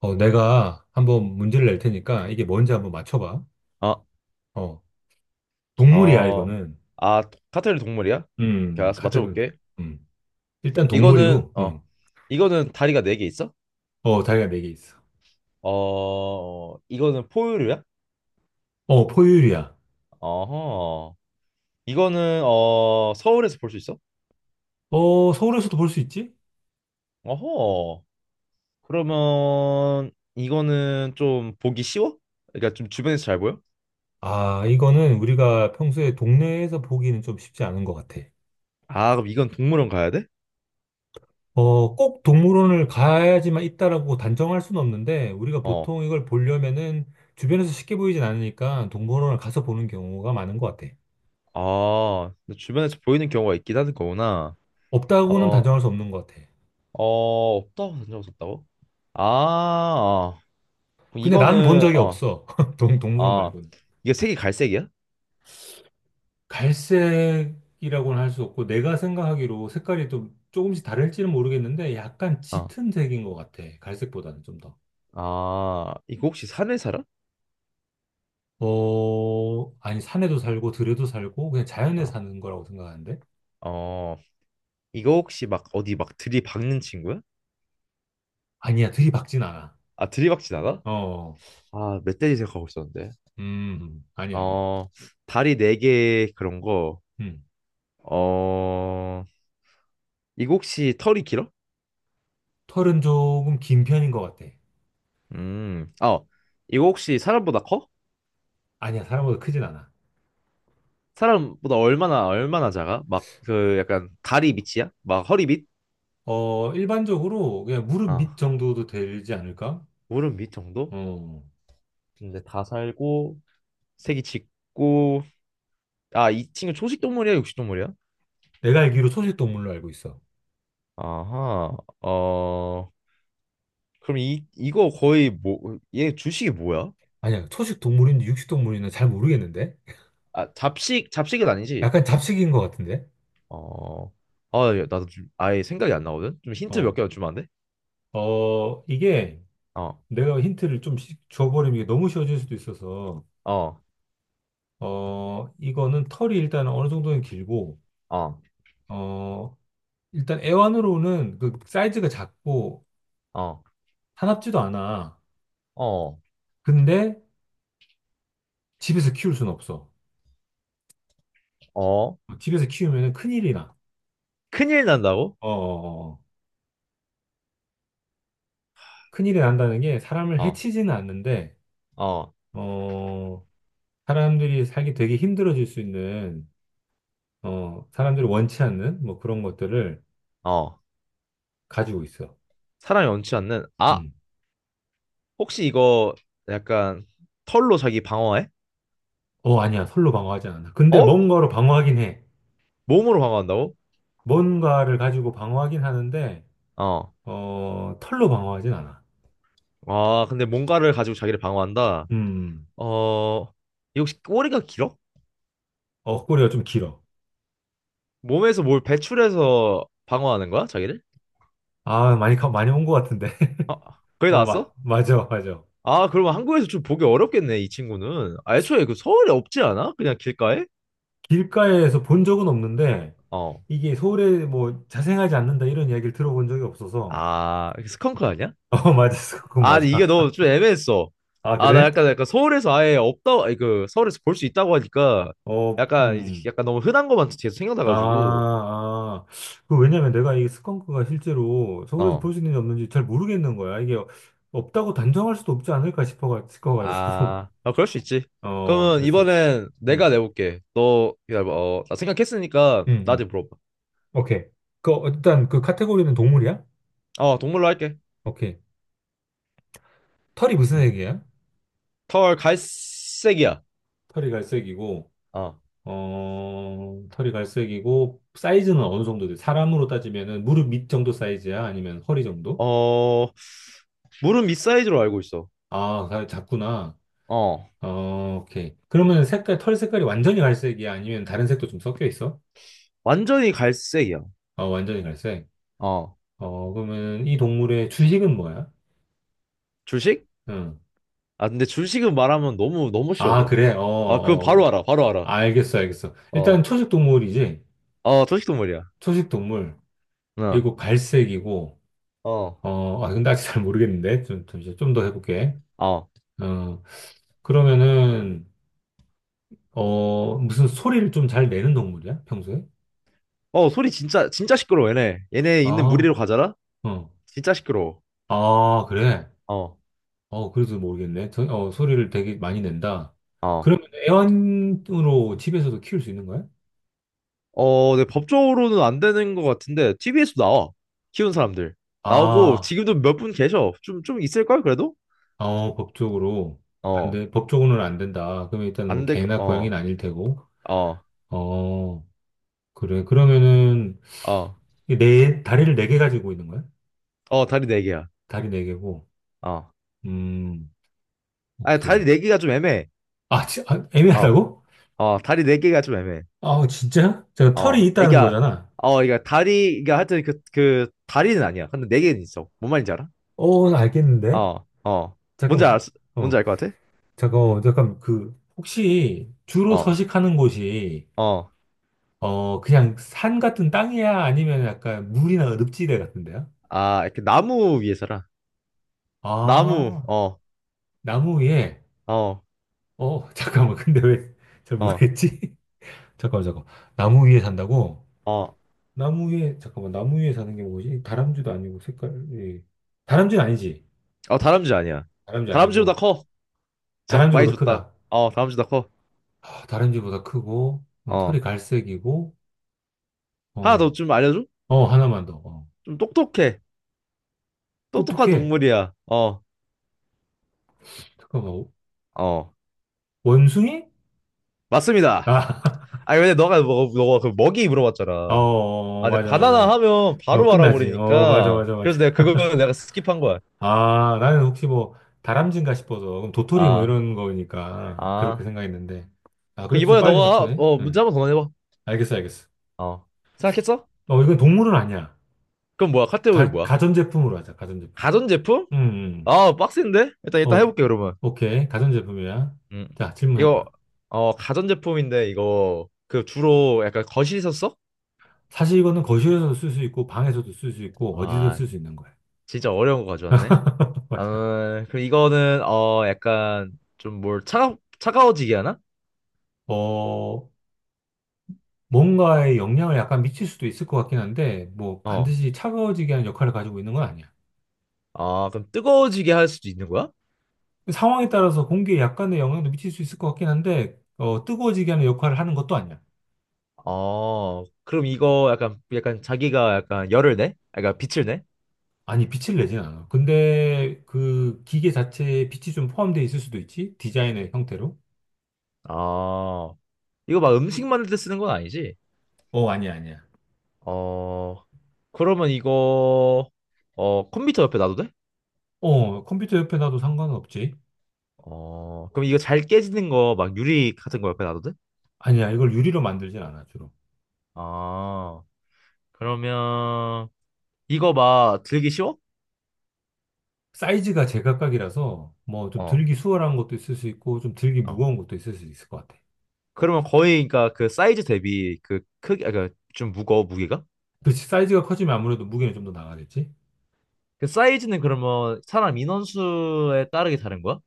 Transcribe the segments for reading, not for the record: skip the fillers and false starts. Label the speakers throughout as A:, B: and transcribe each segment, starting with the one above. A: 내가 한번 문제를 낼 테니까 이게 뭔지 한번 맞춰봐.
B: 아,
A: 어, 동물이야,
B: 어,
A: 이거는.
B: 아, 카테르 동물이야? 오케이, 알았어,
A: 카테고리.
B: 맞춰볼게.
A: 음. 일단
B: 이거는,
A: 동물이고,
B: 어, 이거는 다리가 네 개 있어?
A: 다리가 4개 있어.
B: 어, 이거는 포유류야?
A: 포유류야.
B: 어허. 이거는, 서울에서 볼 수 있어?
A: 서울에서도 볼 수 있지?
B: 어허. 그러면, 이거는 좀 보기 쉬워? 그러니까 좀 주변에서 잘 보여?
A: 아, 이거는 우리가 평소에 동네에서 보기는 좀 쉽지 않은 것 같아.
B: 아, 그럼 이건 동물원 가야 돼?
A: 꼭 동물원을 가야지만 있다라고 단정할 수는 없는데, 우리가
B: 어.
A: 보통 이걸 보려면은 주변에서 쉽게 보이진 않으니까 동물원을 가서 보는 경우가 많은 것 같아.
B: 아, 근데 주변에서 보이는 경우가 있긴 하는 거구나.
A: 없다고는
B: 어,
A: 단정할 수 없는 것 같아.
B: 어, 없다고 던져봤었다고? 아, 그럼
A: 근데 난 본
B: 이거는
A: 적이
B: 어,
A: 없어. 동물원
B: 아,
A: 말고는.
B: 이거 색이 갈색이야?
A: 갈색이라고는 할 수 없고, 내가 생각하기로 색깔이 좀 조금씩 다를지는 모르겠는데, 약간
B: 어,
A: 짙은 색인 것 같아. 갈색보다는 좀 더.
B: 아, 이거 혹시 산에 살아?
A: 아니, 산에도 살고, 들에도 살고, 그냥 자연에
B: 어,
A: 사는 거라고 생각하는데?
B: 어, 이거 혹시 막 어디 막 들이박는 친구야?
A: 아니야, 들이박진 않아.
B: 아, 들이박진 않아?
A: 어,
B: 아, 멧돼지 생각하고 있었는데.
A: 아니야, 아니야.
B: 어, 다리 네 개 그런 거.
A: 음.
B: 어, 이거 혹시 털이 길어?
A: 털은 조금 긴 편인 것 같아.
B: 아, 이거 혹시 사람보다 커?
A: 아니야, 사람보다 크진 않아.
B: 사람보다 얼마나 작아? 막 그 약간 다리 밑이야? 막 허리 밑?
A: 일반적으로 그냥 무릎
B: 어,
A: 밑 정도도 되지 않을까?
B: 무릎 밑 정도?
A: 어.
B: 근데 다 살고. 색이 짙고. 아, 이 친구 초식 동물이야, 육식 동물이야?
A: 내가 알기로 초식 동물로 알고 있어.
B: 아하. 어, 그럼 이 이거 거의 뭐 얘 주식이 뭐야?
A: 아니야, 초식 동물인지 육식 동물인지 잘 모르겠는데?
B: 아, 잡식은 아니지?
A: 약간 잡식인 것 같은데?
B: 어. 아, 야, 나도 좀 아예 생각이 안 나거든? 좀 힌트 몇
A: 어,
B: 개만 주면 안 돼?
A: 이게
B: 어.
A: 내가 힌트를 좀 줘버리면 이게 너무 쉬워질 수도 있어서,
B: 어.
A: 이거는 털이 일단 어느 정도는 길고,
B: 어.
A: 어, 일단 애완으로는 그 사이즈가 작고,
B: 어.
A: 사납지도 않아.
B: 어.
A: 근데 집에서 키울 수는 없어.
B: 어.
A: 집에서 키우면 큰일이 나.
B: 큰일 난다고?
A: 어, 어, 어. 큰일이 난다는 게 사람을
B: 어.
A: 해치지는 않는데,
B: 어.
A: 어, 사람들이 살기 되게 힘들어질 수 있는, 사람들이 원치 않는 뭐 그런 것들을
B: 어.
A: 가지고 있어.
B: 사람이 원치 않는, 아.
A: 음.
B: 혹시 이거 약간 털로 자기 방어해?
A: 어, 아니야. 솔로 방어하지 않아. 근데
B: 어?
A: 뭔가로 방어하긴 해.
B: 몸으로 방어한다고?
A: 뭔가를 가지고 방어하긴 하는데,
B: 어.
A: 털로 방어하진 않아.
B: 아, 근데 뭔가를 가지고 자기를 방어한다?
A: 음,
B: 어, 이거 혹시 꼬리가 길어?
A: 꼬리가 좀 길어.
B: 몸에서 뭘 배출해서 방어하는 거야, 자기를?
A: 아, 많이, 많이 온 것 같은데.
B: 아, 거기
A: 어, 마,
B: 나왔어?
A: 맞아, 맞아.
B: 아, 그러면 한국에서 좀 보기 어렵겠네, 이 친구는. 아, 애초에 그 서울에 없지 않아? 그냥 길가에?
A: 길가에서 본 적은 없는데,
B: 어.
A: 이게 서울에 뭐 자생하지 않는다 이런 이야기를 들어본 적이 없어서.
B: 아, 스컹크 아니야?
A: 어, 맞았어. 그건
B: 아,
A: 맞아.
B: 근데 이게 너무 좀 애매했어.
A: 아,
B: 아, 나
A: 그래?
B: 약간, 약간 서울에서 아예 없다, 아니, 그, 서울에서 볼 수 있다고 하니까
A: 어,
B: 약간, 약간 너무 흔한 것만 계속
A: 아,
B: 생각나가지고,
A: 아. 그 왜냐면 내가 이 스컹크가 실제로 서울에서 볼
B: 어.
A: 수 있는지 없는지 잘 모르겠는 거야. 이게 없다고 단정할 수도 없지 않을까 싶어가지고.
B: 아, 아, 그럴 수 있지. 그러면
A: 그랬었지.
B: 이번엔
A: 음,
B: 내가 내볼게. 너 기다려봐. 어, 나 생각했으니까
A: 음,
B: 나한테
A: 음.
B: 물어봐.
A: 오케이. 그, 일단 그 카테고리는 동물이야?
B: 어, 동물로 할게.
A: 오케이. 털이 무슨
B: 음.
A: 색이야?
B: 털 갈색이야.
A: 털이 갈색이고,
B: 어,
A: 털이 갈색이고, 사이즈는 어느 정도 돼? 사람으로 따지면은 무릎 밑 정도 사이즈야? 아니면 허리 정도?
B: 어, 물은 밑사이즈로 알고 있어.
A: 아, 다 작구나.
B: 어,
A: 오케이. 그러면 색깔, 털 색깔이 완전히 갈색이야? 아니면 다른 색도 좀 섞여 있어?
B: 완전히 갈색이야.
A: 어, 완전히 갈색.
B: 어,
A: 그러면 이 동물의 주식은 뭐야?
B: 줄식?
A: 응.
B: 아, 근데 줄식은 말하면 너무 너무
A: 아,
B: 쉬워져.
A: 그래? 어,
B: 아, 그건
A: 어.
B: 바로 알아. 바로 알아.
A: 알겠어, 알겠어. 일단
B: 어,
A: 초식 동물이지?
B: 어, 초식 동물이야.
A: 초식 동물.
B: 어,
A: 그리고 갈색이고,
B: 어,
A: 근데 아직 잘 모르겠는데. 좀, 잠시 좀더 해볼게.
B: 어,
A: 어, 그러면은, 무슨 소리를 좀 잘 내는 동물이야? 평소에?
B: 어, 소리 진짜 진짜 시끄러워. 얘네
A: 아,
B: 있는 무리로 가잖아.
A: 어.
B: 진짜 시끄러워.
A: 아, 그래.
B: 어.
A: 그래도 모르겠네. 저, 소리를 되게 많이 낸다. 음.
B: 어.
A: 그러면 애완으로 집에서도 키울 수 있는 거야?
B: 어, 네, 법적으로는 안 되는 것 같은데 TV 에서 나와. 키운 사람들. 나오고
A: 아,
B: 지금도 몇 분 계셔. 좀 있을걸 그래도?
A: 법적으로. 안
B: 어.
A: 돼. 법적으로는 안 된다. 그러면 일단 뭐
B: 안 될 거.
A: 개나 고양이는
B: 어.
A: 아닐 테고.
B: 어.
A: 어, 그래. 그러면은,
B: 어.
A: 이네 다리를 4개 가지고 있는 거야?
B: 어, 다리 네 개야.
A: 다리 네 개고.
B: 어.
A: 음,
B: 아니, 다리
A: 오케이.
B: 네 개가 좀 애매해.
A: 아,
B: 어.
A: 애매하다고?
B: 어, 다리 네 개가 좀 애매해.
A: 아, 진짜? 제가 털이
B: 어.
A: 있다는
B: 그러니까
A: 거잖아.
B: 그러니까 다리 그러니까 하여튼 그 다리는 아니야. 근데 네 개는 있어. 뭔 말인지 알아?
A: 어, 나 알겠는데?
B: 어. 어. 뭔지 알
A: 잠깐만.
B: 뭔지
A: 어.
B: 알 것 같아?
A: 잠깐, 잠깐, 그, 혹시 주로
B: 어.
A: 서식하는 곳이,
B: 어.
A: 그냥 산 같은 땅이야? 아니면 약간 물이나 늪지대 같은데요?
B: 아, 이렇게 나무 위에 살아. 나무.
A: 아,
B: 어.
A: 나무 위에,
B: 어.
A: 잠깐만, 근데 왜 잘
B: 어.
A: 모르겠지? 잠깐만, 잠깐만. 나무 위에 산다고?
B: 어,
A: 나무 위에, 잠깐만, 나무 위에 사는 게 뭐지? 다람쥐도 아니고, 색깔이. 다람쥐는 아니지.
B: 어, 다람쥐 아니야.
A: 다람쥐
B: 다람쥐보다
A: 아니고.
B: 커. 진짜 많이
A: 다람쥐보다
B: 줬다.
A: 크다.
B: 어, 다람쥐보다 커.
A: 아, 다람쥐보다 크고, 털이
B: 어.
A: 갈색이고,
B: 하나 더
A: 어,
B: 좀 알려줘?
A: 어, 하나만 더. 어.
B: 좀 똑똑해. 똑똑한
A: 똑똑해.
B: 동물이야. 어,
A: 잠깐만,
B: 어.
A: 원숭이?
B: 맞습니다.
A: 아,
B: 아니, 근데 너가, 뭐, 너가 그 먹이
A: 어,
B: 물어봤잖아.
A: 어,
B: 아, 근데
A: 맞아,
B: 바나나
A: 맞아.
B: 하면 바로
A: 끝나지. 맞아,
B: 알아버리니까.
A: 맞아, 맞아.
B: 그래서 내가 그거는 내가 스킵한 거야.
A: 아, 나는 혹시 뭐, 다람쥐인가 싶어서. 그럼 도토리 뭐
B: 아,
A: 이런 거니까. 그렇게
B: 아.
A: 생각했는데. 아,
B: 그
A: 그래도 좀
B: 이번에
A: 빨리
B: 너가,
A: 맞춰네.
B: 문제
A: 응.
B: 한번 더 내봐.
A: 알겠어, 알겠어.
B: 어. 생각했어?
A: 이건 동물은 아니야.
B: 그럼 뭐야? 카테고리
A: 가,
B: 뭐야?
A: 가전제품으로 하자, 가전제품.
B: 가전제품?
A: 음, 음.
B: 아, 빡센데? 일단
A: 어,
B: 해볼게, 그러면.
A: 오케이. 가전제품이야.
B: 음.
A: 자,
B: 이거
A: 질문해봐.
B: 가전제품인데, 이거 그 주로 약간 거실에서 써?
A: 사실 이거는 거실에서도 쓸 수 있고, 방에서도 쓸 수 있고, 어디든
B: 아,
A: 쓸 수 있는 거야.
B: 진짜 어려운 거 가져왔네.
A: 맞아.
B: 아, 그럼 이거는 약간 좀 뭘 차가워지게 하나?
A: 어, 뭔가에 영향을 약간 미칠 수도 있을 것 같긴 한데, 뭐
B: 어.
A: 반드시 차가워지게 하는 역할을 가지고 있는 건 아니야.
B: 아, 그럼 뜨거워지게 할 수도 있는 거야?
A: 상황에 따라서 공기에 약간의 영향도 미칠 수 있을 것 같긴 한데, 뜨거워지게 하는 역할을 하는 것도 아니야.
B: 어, 그럼 이거 약간 자기가 약간 열을 내? 약간 빛을 내?
A: 아니, 빛을 내진 않아. 근데 그 기계 자체에 빛이 좀 포함되어 있을 수도 있지? 디자인의 형태로?
B: 아, 이거 막 음식 만들 때 쓰는 건 아니지?
A: 어, 아니야, 아니야.
B: 어, 그러면 이거 컴퓨터 옆에 놔도 돼?
A: 어, 컴퓨터 옆에 놔도 상관은 없지.
B: 어, 그럼 이거 잘 깨지는 거 막 유리 같은 거 옆에 놔도 돼?
A: 아니야, 이걸 유리로 만들진 않아, 주로.
B: 아, 그러면 이거 막 들기 쉬워?
A: 사이즈가 제각각이라서, 뭐, 좀
B: 어,
A: 들기 수월한 것도 있을 수 있고, 좀 들기
B: 어.
A: 무거운 것도 있을 수 있을 것 같아.
B: 그러면 거의 그러니까 그 사이즈 대비 그 크기, 아, 그좀 무거워, 무게가?
A: 그렇지, 사이즈가 커지면 아무래도 무게는 좀 더 나가겠지?
B: 그 사이즈는 그러면 사람 인원수에 따르게 다른 거야?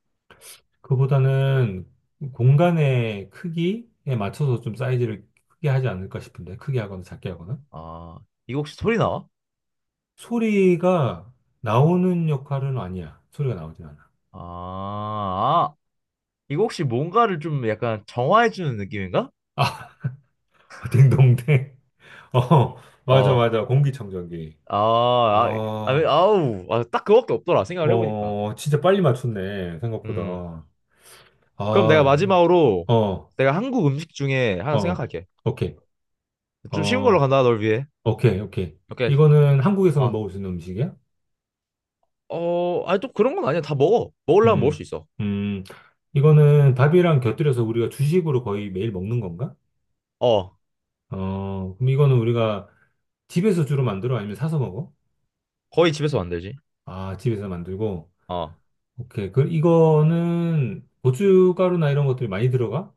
A: 그보다는 공간의 크기에 맞춰서 좀 사이즈를 크게 하지 않을까 싶은데, 크게 하거나 작게 하거나.
B: 아, 이거 혹시 소리 나와?
A: 소리가 나오는 역할은 아니야. 소리가 나오진 않아.
B: 아, 아, 이거 혹시 뭔가를 좀 약간 정화해주는 느낌인가?
A: 아, 딩동댕. 어, 맞아,
B: 어,
A: 맞아. 공기청정기.
B: 아, 아, 아,
A: 아,
B: 아우, 아, 딱 그거밖에 없더라, 생각을 해보니까.
A: 진짜 빨리 맞췄네.
B: 음.
A: 생각보다.
B: 그럼 내가
A: 아,
B: 마지막으로
A: 어,
B: 내가 한국 음식 중에 하나
A: 어,
B: 생각할게.
A: 오케이.
B: 좀 쉬운 걸로
A: 어,
B: 간다, 널 위해.
A: 오케이, 오케이.
B: 오케이.
A: 이거는 한국에서만
B: 아,
A: 먹을 수 있는 음식이야?
B: 아니 또 그런 건 아니야. 다 먹어. 먹으려면 먹을
A: 음,
B: 수 있어.
A: 음, 이거는 밥이랑 곁들여서 우리가 주식으로 거의 매일 먹는 건가?
B: 어,
A: 그럼 이거는 우리가 집에서 주로 만들어? 아니면 사서 먹어?
B: 거의 집에서 만들지.
A: 아, 집에서 만들고.
B: 어,
A: 오케이. 그, 이거는 고춧가루나 이런 것들이 많이 들어가?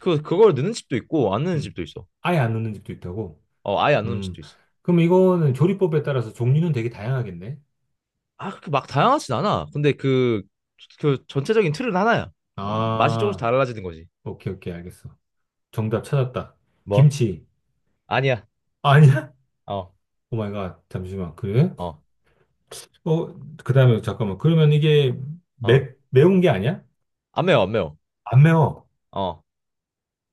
B: 그걸 넣는 집도 있고 안 넣는
A: 음,
B: 집도 있어.
A: 아예 안 넣는 집도 있다고?
B: 어, 아예 안 넣는
A: 음,
B: 집도 있어.
A: 그럼 이거는 조리법에 따라서 종류는 되게 다양하겠네? 음.
B: 아, 그렇게 막 다양하진 않아. 근데 그 전체적인 틀은 하나야. 맛이 조금씩
A: 아,
B: 달라지는 거지.
A: 오케이, 오케이, 알겠어. 정답 찾았다.
B: 뭐?
A: 김치.
B: 아니야.
A: 아, 아니야?
B: 어,
A: 오 마이 갓, 잠시만. 그래?
B: 어,
A: 어, 그 다음에 잠깐만. 그러면 이게 매,
B: 어.
A: 매운 게 아니야?
B: 안 매워, 안 매워.
A: 안 매워.
B: 어,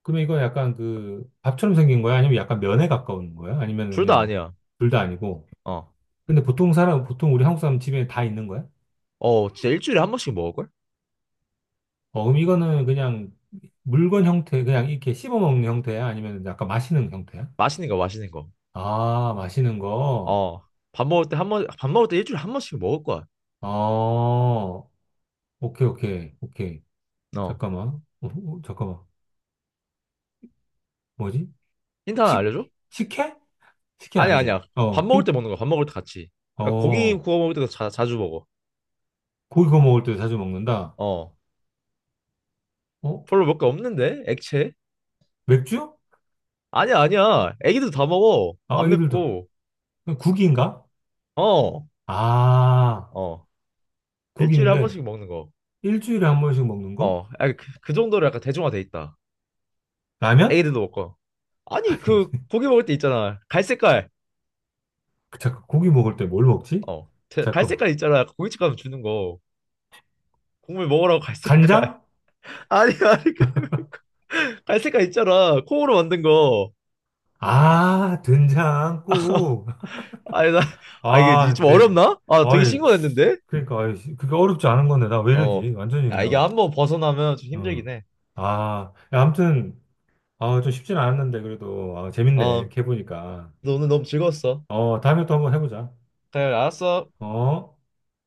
A: 그러면 이건 약간 그 밥처럼 생긴 거야? 아니면 약간 면에 가까운 거야? 아니면
B: 둘 다
A: 그냥
B: 아니야.
A: 둘 다 아니고.
B: 어,
A: 근데 보통 우리 한국 사람 집에 다 있는 거야?
B: 어, 진짜 일주일에 한 번씩 먹을걸?
A: 그럼 이거는 그냥 물건 형태, 그냥 이렇게 씹어 먹는 형태야? 아니면 약간 마시는 형태야?
B: 맛있는 거, 맛있는 거.
A: 아, 마시는 거.
B: 어, 밥 먹을 때 일주일에 한 번씩 먹을 거야.
A: 어, 오케이, 오케이, 오케이.
B: 어,
A: 잠깐만. 잠깐만. 뭐지?
B: 힌트 하나
A: 식,
B: 알려줘?
A: 식혜? 식혜
B: 아니야,
A: 아니지.
B: 아니야. 밥
A: 어,
B: 먹을 때
A: 힌트.
B: 먹는 거야. 밥 먹을 때 같이. 그러니까 고기
A: 어,
B: 구워 먹을 때도 자주 먹어.
A: 고기 구워 먹을 때 자주 먹는다.
B: 어,
A: 어?
B: 별로 먹을 게 없는데? 액체?
A: 맥주?
B: 아니야, 아니야. 애기도 다 먹어.
A: 아,
B: 안
A: 아기들도.
B: 맵고.
A: 국인가?
B: 어,
A: 아,
B: 어. 일주일에 한
A: 국인데
B: 번씩 먹는 거.
A: 일주일에 1번씩 먹는 거?
B: 어, 아, 그 정도로 약간 대중화돼 있다.
A: 라면?
B: 애기들도 먹고. 아니, 그 고기 먹을 때 있잖아. 갈색깔.
A: 잠깐, 고기 먹을 때 뭘 먹지?
B: 어,
A: 잠깐만.
B: 갈색깔 있잖아. 고깃집 가면 주는 거. 국물 먹으라고 갈색깔.
A: 간장?
B: 아니, 아니. 그 갈색깔 있잖아. 콩으로 만든 거.
A: 아, 된장국.
B: 아니, 나. 아, 이게
A: 아,
B: 좀
A: 네네.
B: 어렵나? 아, 되게
A: 아이,
B: 신선했는데?
A: 그러니까, 아이, 그게 어렵지 않은 건데, 나 왜
B: 어.
A: 이러지? 완전히
B: 아, 이게
A: 그냥,
B: 한번 벗어나면 좀
A: 응.
B: 힘들긴 해.
A: 아, 야, 아무튼, 아, 좀 쉽진 않았는데, 그래도, 아, 재밌네.
B: 어.
A: 이렇게 해보니까.
B: 너 오늘 너무 즐거웠어.
A: 다음에 또 한번 해보자.
B: 그래, 알았어.
A: 어?